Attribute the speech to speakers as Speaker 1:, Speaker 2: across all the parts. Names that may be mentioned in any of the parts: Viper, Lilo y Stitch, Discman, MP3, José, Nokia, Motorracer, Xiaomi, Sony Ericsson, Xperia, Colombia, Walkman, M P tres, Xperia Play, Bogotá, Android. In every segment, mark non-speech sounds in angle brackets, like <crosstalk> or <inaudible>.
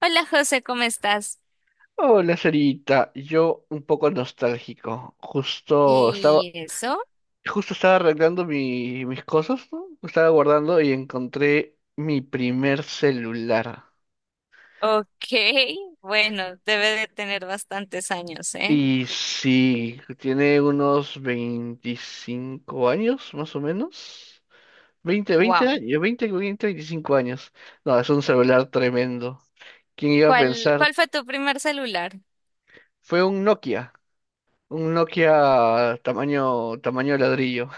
Speaker 1: Hola José, ¿cómo estás?
Speaker 2: Hola, Sarita. Yo un poco nostálgico. Justo estaba,
Speaker 1: ¿Y eso?
Speaker 2: justo estaba arreglando mis cosas, ¿no? Estaba guardando y encontré mi primer celular.
Speaker 1: Ok, bueno, debe de tener bastantes años, ¿eh?
Speaker 2: Y sí, tiene unos 25 años, más o menos. 20, veinte
Speaker 1: Wow.
Speaker 2: años, 20, 20, 25 años. No, es un celular tremendo. ¿Quién iba a
Speaker 1: ¿Cuál,
Speaker 2: pensar?
Speaker 1: cuál fue tu primer celular?
Speaker 2: Fue un Nokia tamaño, tamaño ladrillo.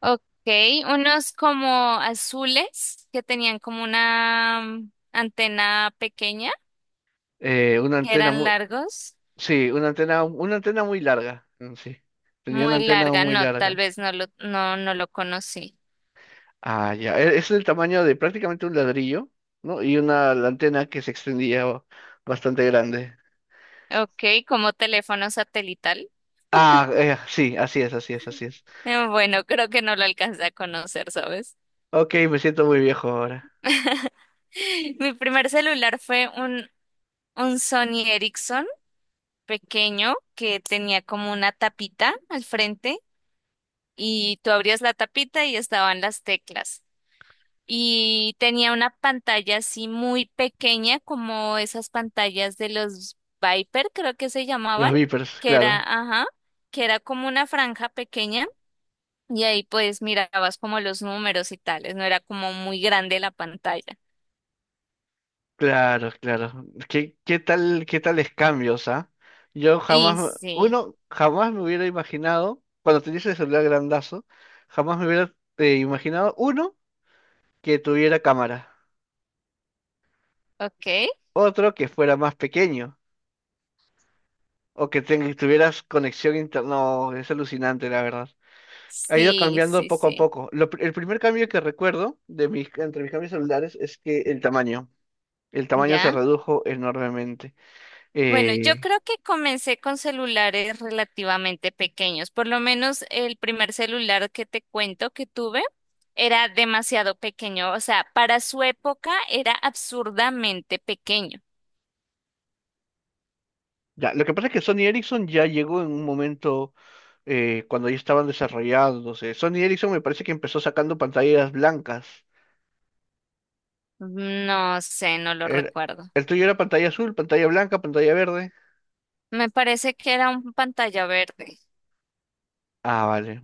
Speaker 1: Ok, unos como azules que tenían como una antena pequeña,
Speaker 2: Una
Speaker 1: que
Speaker 2: antena,
Speaker 1: eran largos,
Speaker 2: sí, una antena muy larga. Mm, sí, tenía una
Speaker 1: muy
Speaker 2: antena
Speaker 1: larga.
Speaker 2: muy
Speaker 1: No, tal
Speaker 2: larga.
Speaker 1: vez no lo conocí.
Speaker 2: Ah, ya. Es el tamaño de prácticamente un ladrillo, ¿no? Y una la antena que se extendía bastante grande.
Speaker 1: Ok, como teléfono satelital.
Speaker 2: Ah, sí, así es, así es, así es.
Speaker 1: Bueno, creo que no lo alcancé a conocer, ¿sabes?
Speaker 2: Ok, me siento muy viejo ahora.
Speaker 1: <laughs> Mi primer celular fue un Sony Ericsson pequeño que tenía como una tapita al frente y tú abrías la tapita y estaban las teclas. Y tenía una pantalla así muy pequeña como esas pantallas de los Viper, creo que se llamaban,
Speaker 2: Los Vipers,
Speaker 1: que era,
Speaker 2: claro,
Speaker 1: ajá, que era como una franja pequeña y ahí pues mirabas como los números y tales, no era como muy grande la pantalla.
Speaker 2: claro, claro. ¿ qué tales cambios, ¿ah? Yo jamás,
Speaker 1: Y sí,
Speaker 2: uno, jamás me hubiera imaginado, cuando tenía ese celular grandazo, jamás me hubiera imaginado, uno, que tuviera cámara.
Speaker 1: ok.
Speaker 2: Otro que fuera más pequeño o que tuvieras conexión interna. No, es alucinante, la verdad. Ha ido
Speaker 1: Sí,
Speaker 2: cambiando
Speaker 1: sí,
Speaker 2: poco a
Speaker 1: sí.
Speaker 2: poco. El primer cambio que recuerdo entre mis cambios celulares es que el tamaño. El tamaño se
Speaker 1: ¿Ya?
Speaker 2: redujo enormemente.
Speaker 1: Bueno, yo
Speaker 2: Eh,
Speaker 1: creo que comencé con celulares relativamente pequeños. Por lo menos el primer celular que te cuento que tuve era demasiado pequeño. O sea, para su época era absurdamente pequeño.
Speaker 2: ya, lo que pasa es que Sony Ericsson ya llegó en un momento cuando ya estaban desarrollándose. Sony Ericsson me parece que empezó sacando pantallas blancas.
Speaker 1: No sé, no lo
Speaker 2: Era-
Speaker 1: recuerdo.
Speaker 2: el tuyo era pantalla azul, pantalla blanca, pantalla verde.
Speaker 1: Me parece que era un pantalla verde.
Speaker 2: Ah, vale.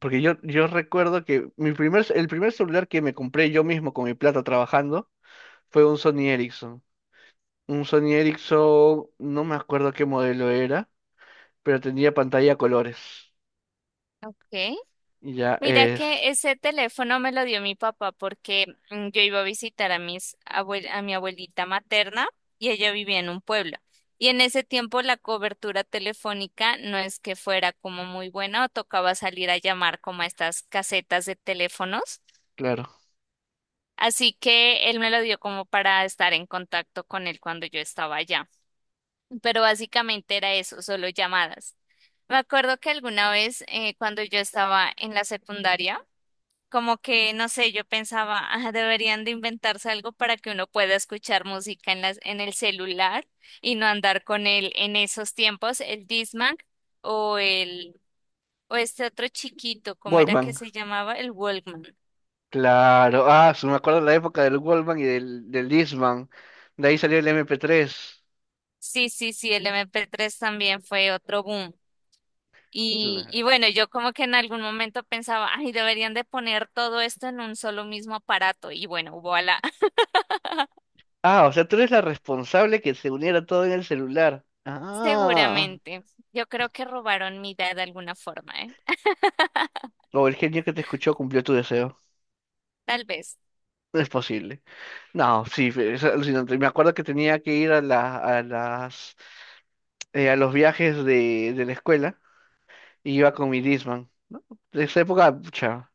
Speaker 2: Porque yo recuerdo que el primer celular que me compré yo mismo con mi plata trabajando fue un Sony Ericsson. Un Sony Ericsson, no me acuerdo qué modelo era, pero tenía pantalla a colores.
Speaker 1: Ok.
Speaker 2: Y ya
Speaker 1: Mira
Speaker 2: es,
Speaker 1: que ese teléfono me lo dio mi papá porque yo iba a visitar a a mi abuelita materna y ella vivía en un pueblo. Y en ese tiempo la cobertura telefónica no es que fuera como muy buena o tocaba salir a llamar como a estas casetas de teléfonos.
Speaker 2: claro.
Speaker 1: Así que él me lo dio como para estar en contacto con él cuando yo estaba allá. Pero básicamente era eso, solo llamadas. Me acuerdo que alguna vez cuando yo estaba en la secundaria, como que, no sé, yo pensaba, <laughs> "Ah, deberían de inventarse algo para que uno pueda escuchar música en las, en el celular y no andar con él en esos tiempos, el Discman o el, o este otro chiquito, ¿cómo era que
Speaker 2: Walkman,
Speaker 1: se llamaba? El Walkman.
Speaker 2: claro. Ah, sí, me acuerdo de la época del Walkman y del Discman. De ahí salió el MP3.
Speaker 1: Sí, sí, sí, el MP3 también fue otro boom. Y
Speaker 2: Claro.
Speaker 1: bueno, yo como que en algún momento pensaba, ay, deberían de poner todo esto en un solo mismo aparato. Y bueno, voilà, <laughs>
Speaker 2: Ah, o sea, tú eres la responsable que se uniera todo en el celular. Ah.
Speaker 1: seguramente. Yo creo que robaron mi idea de alguna forma, ¿eh?
Speaker 2: O el genio que te escuchó cumplió tu deseo.
Speaker 1: Tal vez.
Speaker 2: No es posible. No, sí, es alucinante. Me acuerdo que tenía que ir a los viajes de la escuela y iba con mi Disman, ¿no? De esa época, pucha,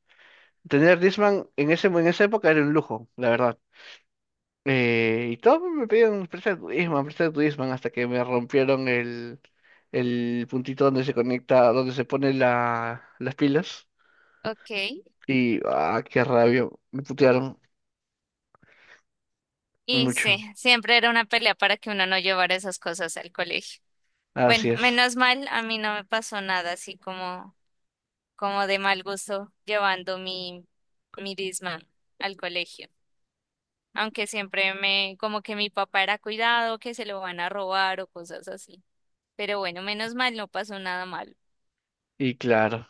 Speaker 2: tener Disman en esa época era un lujo, la verdad. Y todos me pedían, presta tu Disman, hasta que me rompieron el puntito donde se conecta, donde se pone las pilas.
Speaker 1: Ok.
Speaker 2: Y, ah, qué rabia, me putearon
Speaker 1: Y sí,
Speaker 2: mucho.
Speaker 1: siempre era una pelea para que uno no llevara esas cosas al colegio. Bueno,
Speaker 2: Así es.
Speaker 1: menos mal, a mí no me pasó nada así como de mal gusto llevando mi Discman al colegio. Aunque siempre como que mi papá era cuidado, que se lo van a robar o cosas así. Pero bueno, menos mal no pasó nada malo.
Speaker 2: Y claro.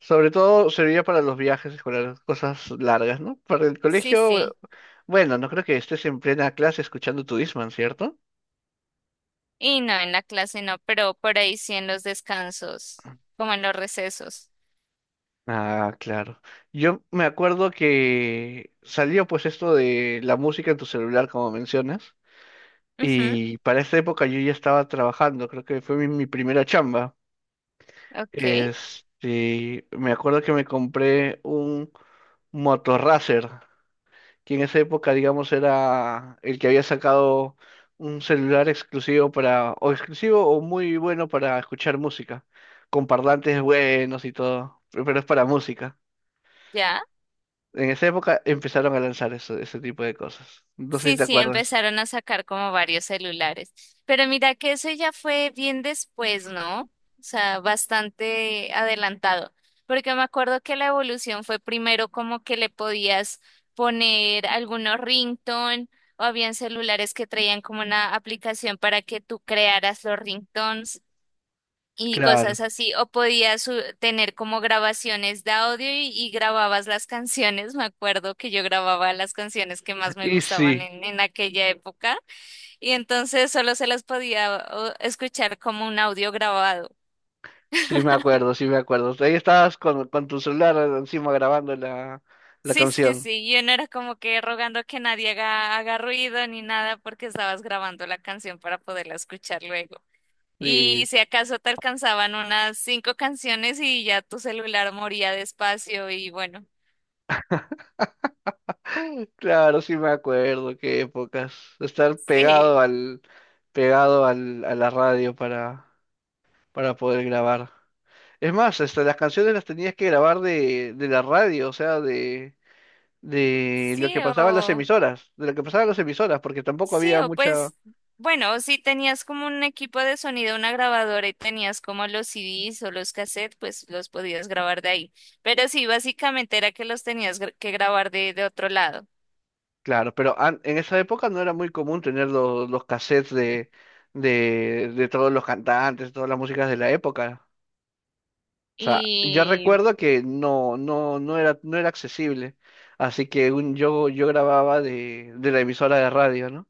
Speaker 2: Sobre todo serviría para los viajes escolares, cosas largas, ¿no? Para el
Speaker 1: Sí,
Speaker 2: colegio,
Speaker 1: sí.
Speaker 2: bueno, no creo que estés en plena clase escuchando tu Discman, ¿cierto?
Speaker 1: Y no, en la clase no, pero por ahí sí en los descansos, como en los recesos.
Speaker 2: Ah, claro. Yo me acuerdo que salió pues esto de la música en tu celular, como mencionas,
Speaker 1: Ujú,
Speaker 2: y para esa época yo ya estaba trabajando, creo que fue mi primera chamba.
Speaker 1: ok,
Speaker 2: Este, me acuerdo que me compré un motorracer que en esa época, digamos, era el que había sacado un celular exclusivo para, o exclusivo o muy bueno para escuchar música, con parlantes buenos y todo, pero es para música.
Speaker 1: ya.
Speaker 2: En esa época empezaron a lanzar eso, ese tipo de cosas. No sé si
Speaker 1: Sí,
Speaker 2: te
Speaker 1: sí,
Speaker 2: acuerdas.
Speaker 1: empezaron a sacar como varios celulares. Pero mira que eso ya fue bien después, ¿no? O sea, bastante adelantado. Porque me acuerdo que la evolución fue primero como que le podías poner algunos ringtone o habían celulares que traían como una aplicación para que tú crearas los ringtones y cosas
Speaker 2: Claro.
Speaker 1: así, o podías tener como grabaciones de audio y grababas las canciones. Me acuerdo que yo grababa las canciones que más me
Speaker 2: Y
Speaker 1: gustaban
Speaker 2: sí,
Speaker 1: en aquella época y entonces solo se las podía escuchar como un audio grabado.
Speaker 2: sí me acuerdo, sí me acuerdo. Ahí estabas con tu celular encima grabando la
Speaker 1: Sí, sí,
Speaker 2: canción.
Speaker 1: sí, yo no era como que rogando que nadie haga ruido ni nada porque estabas grabando la canción para poderla escuchar luego. Y si acaso te alcanzaban unas cinco canciones y ya tu celular moría despacio y bueno,
Speaker 2: <laughs> Claro, sí me acuerdo, qué épocas. Estar
Speaker 1: <laughs>
Speaker 2: pegado
Speaker 1: sí.
Speaker 2: al, pegado al, a la radio para poder grabar. Es más, hasta las canciones las tenías que grabar de la radio, o sea, de, de
Speaker 1: Sí,
Speaker 2: lo que pasaba en las
Speaker 1: o
Speaker 2: emisoras, de lo que pasaba en las emisoras, porque tampoco
Speaker 1: sí,
Speaker 2: había
Speaker 1: o
Speaker 2: mucha.
Speaker 1: pues, bueno, o si tenías como un equipo de sonido, una grabadora y tenías como los CDs o los cassettes, pues los podías grabar de ahí. Pero sí, básicamente era que los tenías que grabar de otro lado.
Speaker 2: Claro, pero en esa época no era muy común tener los cassettes de todos los cantantes, todas las músicas de la época. O sea, yo
Speaker 1: Y
Speaker 2: recuerdo que no, no, no era accesible. Así que yo grababa de la emisora de radio, ¿no?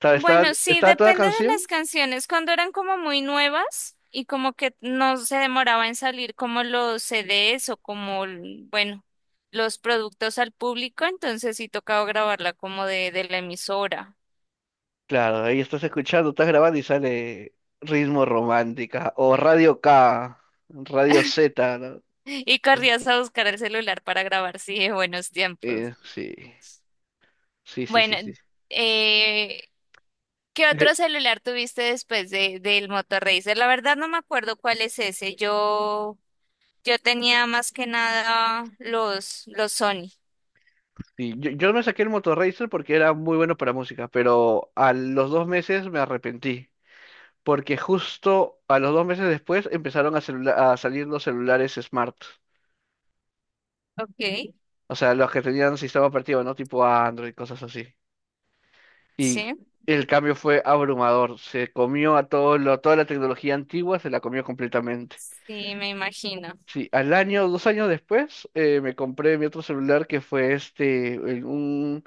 Speaker 2: Estaba, estaba,
Speaker 1: bueno, sí,
Speaker 2: estaba toda
Speaker 1: depende de
Speaker 2: canción,
Speaker 1: las canciones. Cuando eran como muy nuevas y como que no se demoraba en salir como los CDs o bueno, los productos al público, entonces sí tocaba grabarla como de la emisora.
Speaker 2: claro, ahí estás escuchando, estás grabando y sale Ritmo Romántica o Radio K, Radio Z, ¿no?
Speaker 1: Y corrías a buscar el celular para grabar, sí, de buenos tiempos.
Speaker 2: Sí, sí, sí, sí,
Speaker 1: Bueno,
Speaker 2: sí.
Speaker 1: eh, ¿qué
Speaker 2: Eh,
Speaker 1: otro celular tuviste después del Motorracer? La verdad no me acuerdo cuál es ese. Yo tenía más que nada los Sony.
Speaker 2: sí, yo me saqué el Motorracer porque era muy bueno para música, pero a los 2 meses me arrepentí. Porque justo a los 2 meses después empezaron a salir los celulares smart,
Speaker 1: Ok,
Speaker 2: o sea, los que tenían sistema operativo, ¿no? Tipo Android, cosas así. Y
Speaker 1: sí,
Speaker 2: el cambio fue abrumador, se comió toda la tecnología antigua, se la comió completamente.
Speaker 1: sí, me imagino.
Speaker 2: Sí, al año, 2 años después, me compré mi otro celular que fue este, un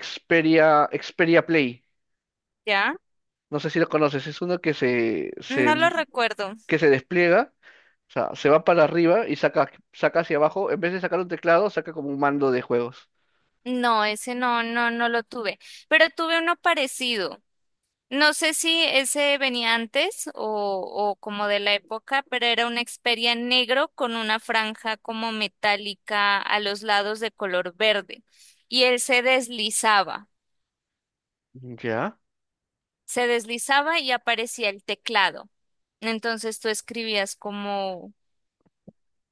Speaker 2: Xperia, Xperia Play.
Speaker 1: ¿Ya?
Speaker 2: No sé si lo conoces, es uno
Speaker 1: No lo recuerdo.
Speaker 2: que se despliega, o sea, se va para arriba y saca hacia abajo, en vez de sacar un teclado, saca como un mando de juegos.
Speaker 1: No, ese no, no, no lo tuve. Pero tuve uno parecido. No sé si ese venía antes o como de la época, pero era una Xperia en negro con una franja como metálica a los lados de color verde. Y él
Speaker 2: ¿Ya?
Speaker 1: se deslizaba y aparecía el teclado. Entonces tú escribías como,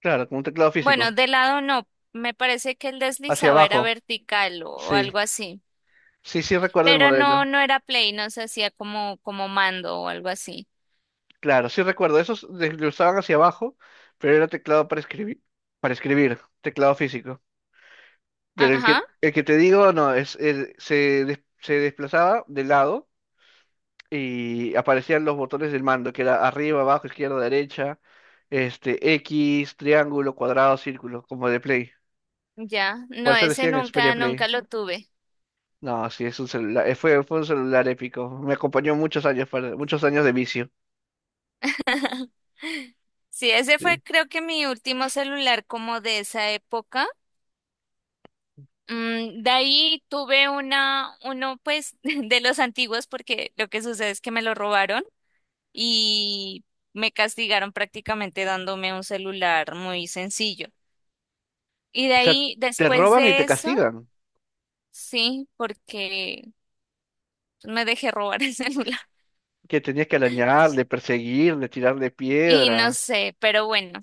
Speaker 2: Claro, como un teclado
Speaker 1: bueno,
Speaker 2: físico,
Speaker 1: de lado no, me parece que el
Speaker 2: hacia
Speaker 1: deslizaba era
Speaker 2: abajo,
Speaker 1: vertical o
Speaker 2: sí,
Speaker 1: algo así.
Speaker 2: sí, sí recuerdo el
Speaker 1: Pero no,
Speaker 2: modelo,
Speaker 1: no era play, no se hacía como mando o algo así.
Speaker 2: claro, sí recuerdo, esos desglosaban hacia abajo, pero era teclado para escribir, teclado físico. Pero el
Speaker 1: Ajá.
Speaker 2: que, el que te digo, no, se desplazaba de lado y aparecían los botones del mando, que era arriba, abajo, izquierda, derecha, este, X, triángulo, cuadrado, círculo, como de Play.
Speaker 1: Ya,
Speaker 2: Por
Speaker 1: no,
Speaker 2: eso le
Speaker 1: ese
Speaker 2: decían Xperia
Speaker 1: nunca,
Speaker 2: Play.
Speaker 1: nunca lo tuve.
Speaker 2: No, sí, es un celular, fue un celular épico. Me acompañó muchos años, muchos años de vicio.
Speaker 1: <gasps> Sí, ese fue
Speaker 2: Sí.
Speaker 1: creo que mi último celular como de esa época. De ahí tuve uno pues <laughs> de los antiguos porque lo que sucede es que me lo robaron y me castigaron prácticamente dándome un celular muy sencillo. Y de
Speaker 2: O sea,
Speaker 1: ahí,
Speaker 2: te
Speaker 1: después
Speaker 2: roban y te
Speaker 1: de eso,
Speaker 2: castigan.
Speaker 1: sí, porque me dejé robar el <laughs> celular.
Speaker 2: Que tenías que arañarle, perseguirle, tirarle
Speaker 1: Y no
Speaker 2: piedra.
Speaker 1: sé, pero bueno.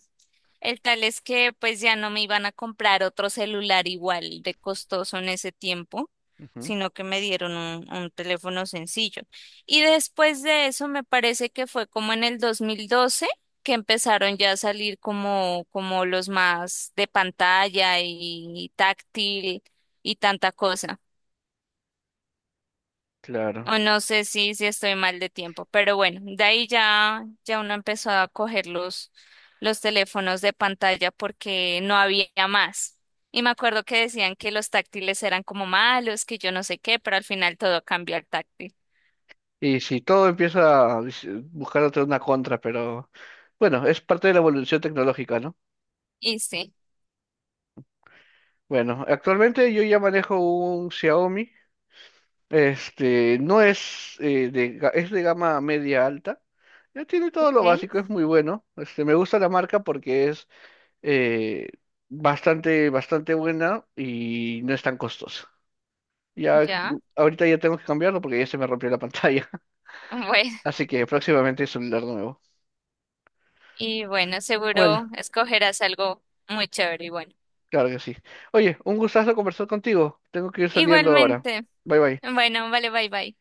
Speaker 1: El tal es que pues ya no me iban a comprar otro celular igual de costoso en ese tiempo,
Speaker 2: Ujú,
Speaker 1: sino que me dieron un teléfono sencillo. Y después de eso me parece que fue como en el 2012 que empezaron ya a salir como, los más de pantalla y táctil y tanta cosa.
Speaker 2: claro.
Speaker 1: O no sé si estoy mal de tiempo, pero bueno, de ahí ya uno empezó a coger los teléfonos de pantalla porque no había más. Y me acuerdo que decían que los táctiles eran como malos, que yo no sé qué, pero al final todo cambió al táctil.
Speaker 2: Y si todo empieza a buscar otra una contra, pero bueno, es parte de la evolución tecnológica, ¿no?
Speaker 1: Y sí,
Speaker 2: Bueno, actualmente yo ya manejo un Xiaomi. Este, no es, de, ga- es de gama media alta. Ya tiene todo
Speaker 1: ok,
Speaker 2: lo básico, es muy bueno. Este, me gusta la marca porque es eh, bastante buena y no es tan costosa. Ya,
Speaker 1: ya. <laughs>
Speaker 2: ahorita ya tengo que cambiarlo porque ya se me rompió la pantalla. <laughs>
Speaker 1: Bueno,
Speaker 2: Así que próximamente es celular nuevo.
Speaker 1: y bueno,
Speaker 2: Bueno,
Speaker 1: seguro escogerás algo muy chévere y bueno.
Speaker 2: claro que sí. Oye, un gustazo conversar contigo. Tengo que ir saliendo ahora.
Speaker 1: Igualmente.
Speaker 2: Bye bye.
Speaker 1: Bueno, vale, bye bye.